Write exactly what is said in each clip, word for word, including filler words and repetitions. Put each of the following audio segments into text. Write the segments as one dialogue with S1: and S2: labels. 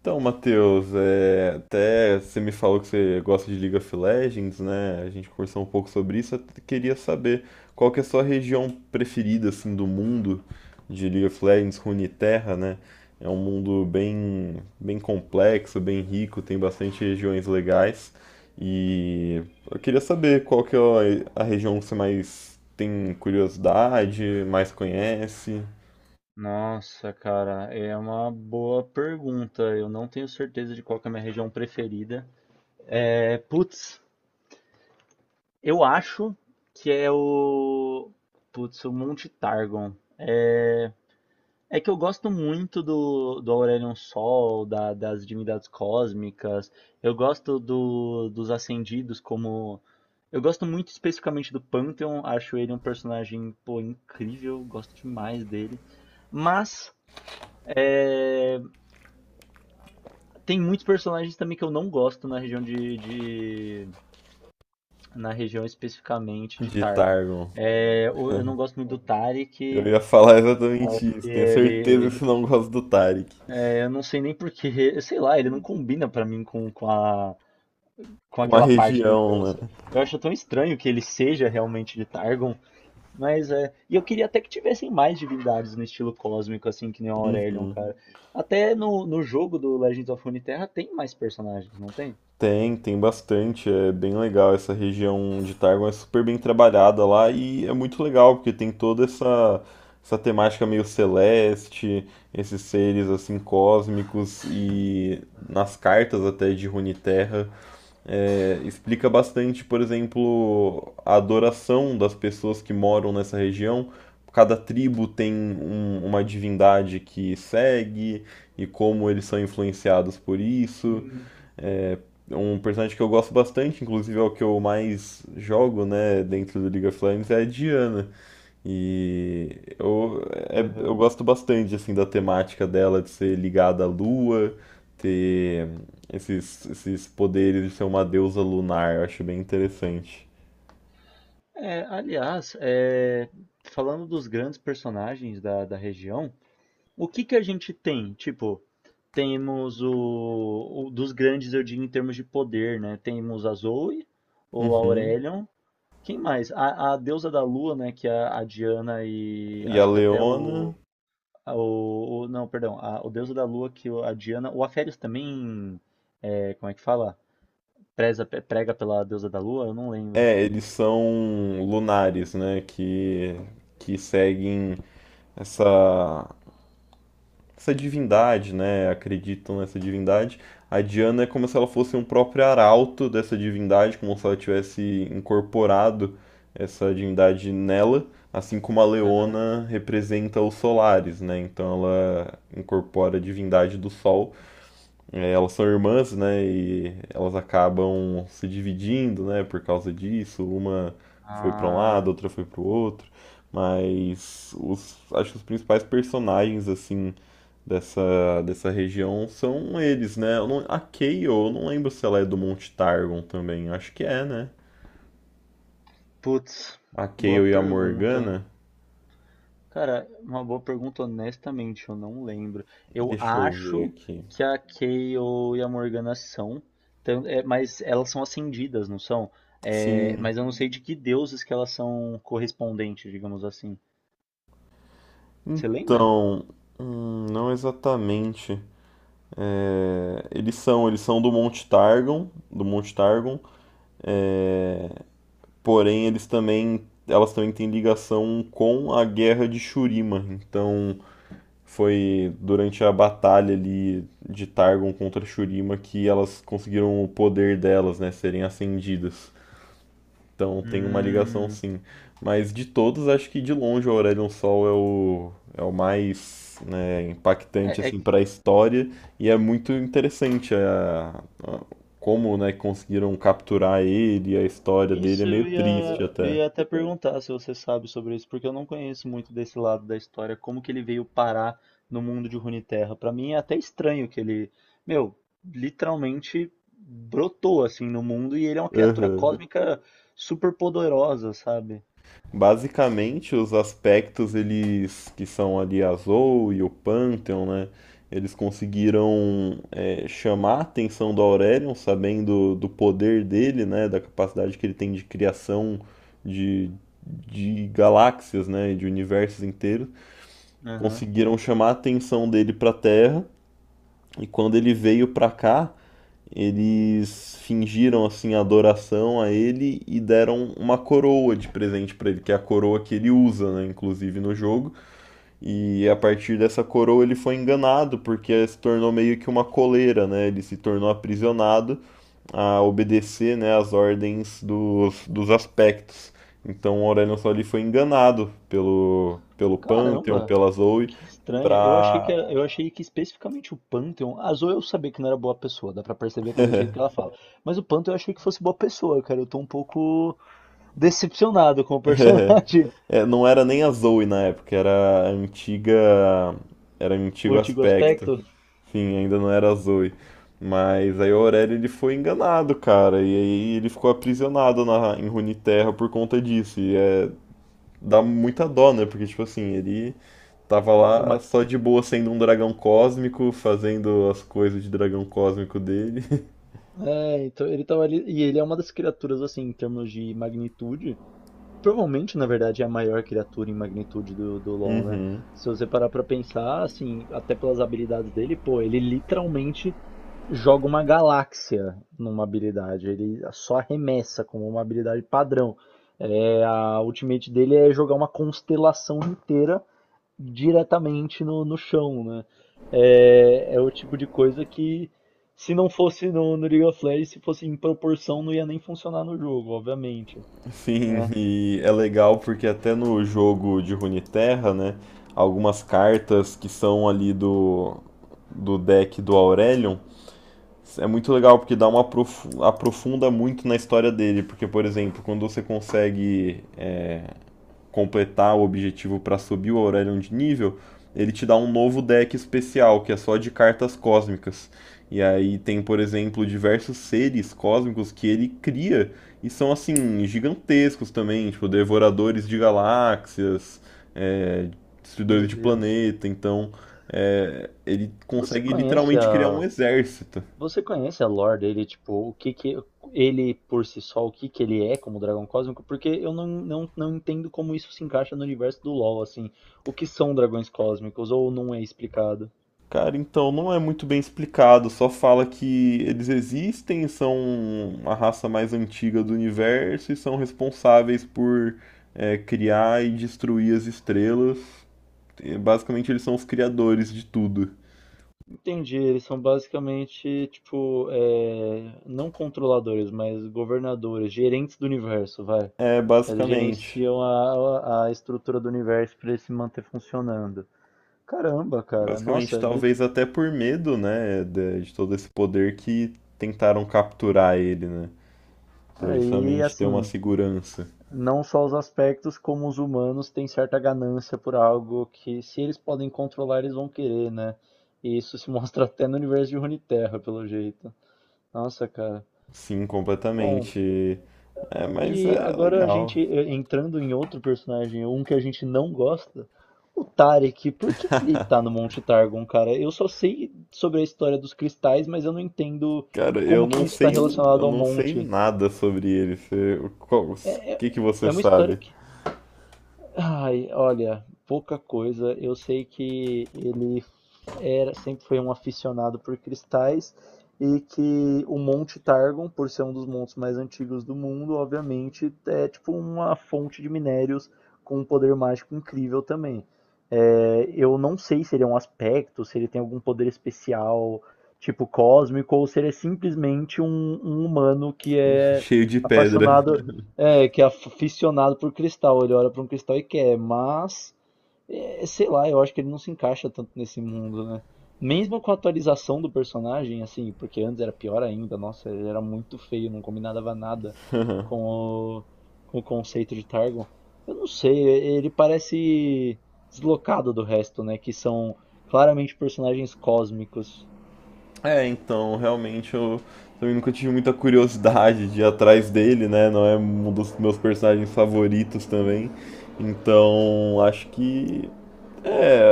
S1: Então, Matheus, é, até você me falou que você gosta de League of Legends, né? A gente conversou um pouco sobre isso. Eu queria saber qual que é a sua região preferida, assim, do mundo de League of Legends, Runeterra, né? É um mundo bem, bem complexo, bem rico, tem bastante regiões legais. E eu queria saber qual que é a a região que você mais tem curiosidade, mais conhece
S2: Nossa, cara, é uma boa pergunta. Eu não tenho certeza de qual que é a minha região preferida. É, putz, eu acho que é o. Putz, o Monte Targon. É, é que eu gosto muito do, do Aurelion Sol, da- das divindades cósmicas. Eu gosto do, dos Ascendidos como. Eu gosto muito especificamente do Pantheon. Acho ele um personagem, pô, incrível. Gosto demais dele. Mas. Tem muitos personagens também que eu não gosto na região de, de- na região especificamente de
S1: de
S2: Targon.
S1: Targon.
S2: É, o- eu não gosto muito do
S1: Eu
S2: Taric.
S1: ia falar
S2: Eu
S1: exatamente
S2: acho que
S1: isso. Tenho certeza que
S2: ele,
S1: você não gosta do Tarek.
S2: é, eu não sei nem porquê, sei lá, ele não combina pra mim com, com a com
S1: Com a
S2: aquela parte do
S1: região,
S2: universo.
S1: né?
S2: Eu acho tão estranho que ele seja realmente de Targon, mas é, e eu queria até que tivessem mais divindades no estilo cósmico assim que nem o Aurelion,
S1: Uhum.
S2: cara. Até no, no jogo do Legends of Runeterra tem mais personagens, não tem?
S1: Tem, tem bastante. É bem legal essa região de Targon. É super bem trabalhada lá e é muito legal porque tem toda essa, essa temática meio celeste, esses seres assim cósmicos e nas cartas até de Runeterra é, explica bastante, por exemplo, a adoração das pessoas que moram nessa região. Cada tribo tem um- uma divindade que segue e como eles são influenciados por isso.
S2: Sim.
S1: Um personagem que eu gosto bastante, inclusive é o que eu mais jogo, né, dentro do League of Legends, é a Diana. E eu, é-
S2: Aham.
S1: eu gosto bastante assim da temática dela de ser ligada à lua, ter esses, esses poderes de ser uma deusa lunar, eu acho bem interessante.
S2: É, aliás, é, falando dos grandes personagens da, da região, o que que a gente tem? Tipo, temos o, o- dos grandes, eu digo, em termos de poder, né? Temos a Zoe, ou a
S1: Uhum.
S2: Aurelion. Quem mais? A, a deusa da lua, né? Que a, a Diana, e
S1: E a
S2: acho que até o,
S1: Leona,
S2: a- o, o- não, perdão, a, o deusa da lua que o- a Diana, o Aférios também, é, como é que fala? Preza, prega pela deusa da lua? Eu não lembro.
S1: é, eles são lunares, né, que, que seguem essa essa divindade, né? Acreditam nessa divindade. A Diana é como se ela fosse um próprio arauto dessa divindade, como se ela tivesse incorporado essa divindade nela, assim como a
S2: Aham.
S1: Leona representa os solares, né? Então ela incorpora a divindade do sol. É, elas são irmãs, né? E elas acabam se dividindo, né? Por causa disso, uma foi para um lado,
S2: Ah,
S1: outra foi para o outro. Mas os, acho que os principais personagens assim dessa, dessa região são eles, né? Eu não- a Kayle, eu não lembro se ela é do Monte Targon também. Acho que é, né?
S2: putz,
S1: A
S2: boa
S1: Kayle e a
S2: pergunta.
S1: Morgana.
S2: Cara, uma boa pergunta, honestamente, eu não lembro. Eu
S1: Deixa eu ver
S2: acho
S1: aqui.
S2: que a Kayle e a Morgana são, tan- é, mas elas são ascendidas, não são? É,
S1: Sim.
S2: mas eu não sei de que deuses que elas são correspondentes, digamos assim. Você lembra?
S1: Então, hum, não exatamente. É, eles são, eles são do Monte Targon, do Monte Targon, porém eles também, elas também têm ligação com a Guerra de Shurima. Então, foi durante a batalha ali de Targon contra Shurima que elas conseguiram o poder delas, né, serem acendidas. Então tem uma ligação
S2: Hum,
S1: sim. Mas de todos, acho que de longe o Aurelion Sol é o, é o mais né, impactante
S2: é, é
S1: assim para a história e é muito interessante a, a- como né, conseguiram capturar ele, a história dele é
S2: Isso
S1: meio
S2: eu ia,
S1: triste
S2: eu
S1: até.
S2: ia até perguntar se você sabe sobre isso, porque eu não conheço muito desse lado da história, como que ele veio parar no mundo de Runeterra. Pra mim é até estranho que ele, meu, literalmente brotou assim no mundo e ele é uma criatura
S1: Aham.
S2: cósmica super poderosa, sabe?
S1: Basicamente, os aspectos eles que são ali a Zoe e o Pantheon, né? Eles conseguiram é, chamar a atenção do Aurelion, sabendo do poder dele, né? Da capacidade que ele tem de criação de, de galáxias, né? De universos inteiros.
S2: Aham.
S1: Conseguiram chamar a atenção dele para a Terra. E quando ele veio para cá, eles fingiram assim adoração a ele e deram uma coroa de presente para ele, que é a coroa que ele usa, né, inclusive no jogo. E a partir dessa coroa ele foi enganado porque se tornou meio que uma coleira, né? Ele se tornou aprisionado a obedecer, né, as ordens dos, dos aspectos. Então o Aurelion Sol foi enganado pelo pelo Pantheon,
S2: Caramba,
S1: pela Zoe,
S2: que estranho. Eu achei
S1: para.
S2: que era- eu achei que especificamente o Pantheon, a Zoe eu sabia que não era boa pessoa, dá pra perceber pelo jeito que ela fala. Mas o Pantheon eu achei que fosse boa pessoa, cara. Eu tô um pouco decepcionado com o personagem.
S1: É, não era nem a Zoe na época, era a antiga. Era um
S2: O
S1: antigo
S2: antigo
S1: aspecto.
S2: aspecto
S1: Sim, ainda não era a Zoe. Mas aí o Aurélio ele foi enganado, cara. E aí ele ficou aprisionado na, em Runeterra por conta disso. E é, dá muita dó, né? Porque, tipo assim, ele tava
S2: é
S1: lá
S2: uma.
S1: só de boa sendo um dragão cósmico, fazendo as coisas de dragão cósmico dele.
S2: É, então ele tava ali. E ele é uma das criaturas, assim, em termos de magnitude. Provavelmente, na verdade, é a maior criatura em magnitude do, do LoL, né?
S1: Uhum.
S2: Se você parar pra pensar, assim, até pelas habilidades dele, pô, ele literalmente joga uma galáxia numa habilidade. Ele só arremessa como uma habilidade padrão. É, a ultimate dele é jogar uma constelação inteira diretamente no, no chão, né? É, é o tipo de coisa que, se não fosse no, no League of Legends, se fosse em proporção, não ia nem funcionar no jogo, obviamente,
S1: Sim,
S2: né?
S1: e é legal porque até no jogo de Runeterra, né, algumas cartas que são ali do, do deck do Aurelion, é muito legal porque dá uma aprofu- aprofunda muito na história dele, porque, por exemplo, quando você consegue é, completar o objetivo para subir o Aurelion de nível, ele te dá um novo deck especial, que é só de cartas cósmicas. E aí tem, por exemplo, diversos seres cósmicos que ele cria e são assim, gigantescos também, tipo, devoradores de galáxias, é, destruidores
S2: Meu
S1: de
S2: Deus.
S1: planeta, então é, ele
S2: Você
S1: consegue
S2: conhece
S1: literalmente criar um
S2: a,
S1: exército.
S2: você conhece a lore dele, tipo, o que que ele por si só, o que que ele é como dragão cósmico? Porque eu não, não, não entendo como isso se encaixa no universo do LoL, assim. O que são dragões cósmicos ou não é explicado?
S1: Cara, então não é muito bem explicado, só fala que eles existem, são a raça mais antiga do universo e são responsáveis por é, criar e destruir as estrelas. E, basicamente, eles são os criadores de tudo.
S2: Entendi, eles são basicamente, tipo, é, não controladores, mas governadores, gerentes do universo, vai.
S1: É,
S2: Eles
S1: basicamente.
S2: gerenciam a, a a estrutura do universo para ele se manter funcionando. Caramba, cara,
S1: Basicamente,
S2: nossa, ele...
S1: talvez até por medo, né, de, de todo esse poder que tentaram capturar ele, né? Pra
S2: aí,
S1: justamente ter uma
S2: assim,
S1: segurança.
S2: não só os aspectos, como os humanos têm certa ganância por algo que, se eles podem controlar, eles vão querer, né? E isso se mostra até no universo de Runeterra, pelo jeito. Nossa, cara.
S1: Sim,
S2: Bom,
S1: completamente. É, mas
S2: e
S1: é
S2: agora a gente
S1: legal.
S2: eh, entrando em outro personagem, um que a gente não gosta, o Tarek. Por que que ele tá no Monte Targon, cara? Eu só sei sobre a história dos cristais, mas eu não entendo
S1: Cara, eu
S2: como que
S1: não
S2: isso está
S1: sei, eu
S2: relacionado ao
S1: não sei
S2: monte.
S1: nada sobre ele. Você, qual- o que que você
S2: É uma história
S1: sabe?
S2: que. Ai, olha, pouca coisa. Eu sei que ele era, sempre foi um aficionado por cristais e que o Monte Targon, por ser um dos montes mais antigos do mundo, obviamente é tipo uma fonte de minérios com um poder mágico incrível também. É, eu não sei se ele é um aspecto, se ele tem algum poder especial, tipo cósmico, ou se ele é simplesmente um, um humano que é
S1: Cheio de pedra.
S2: apaixonado. É, que é aficionado por cristal. Ele olha para um cristal e quer, mas é, sei lá, eu acho que ele não se encaixa tanto nesse mundo, né? Mesmo com a atualização do personagem, assim, porque antes era pior ainda, nossa, ele era muito feio, não combinava nada com o, com o, conceito de Targon. Eu não sei, ele parece deslocado do resto, né? Que são claramente personagens cósmicos.
S1: É, então, realmente eu também nunca tive muita curiosidade de ir atrás dele, né? Não é um dos meus personagens favoritos também. Então, acho que é,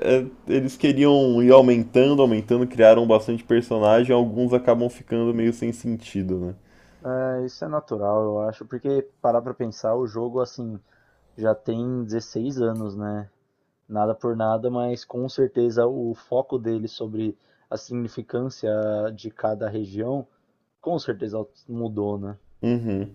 S1: é, eles queriam ir aumentando, aumentando, criaram bastante personagem, alguns acabam ficando meio sem sentido, né?
S2: É, isso é natural, eu acho, porque parar pra pensar, o jogo, assim, já tem dezesseis anos, né? Nada por nada, mas com certeza o foco dele sobre a significância de cada região, com certeza mudou, né?
S1: Uhum.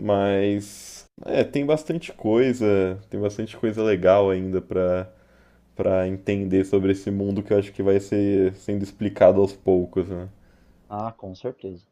S1: Mas é, tem bastante coisa, tem bastante coisa legal ainda pra para entender sobre esse mundo que eu acho que vai ser sendo explicado aos poucos, né?
S2: Ah, com certeza.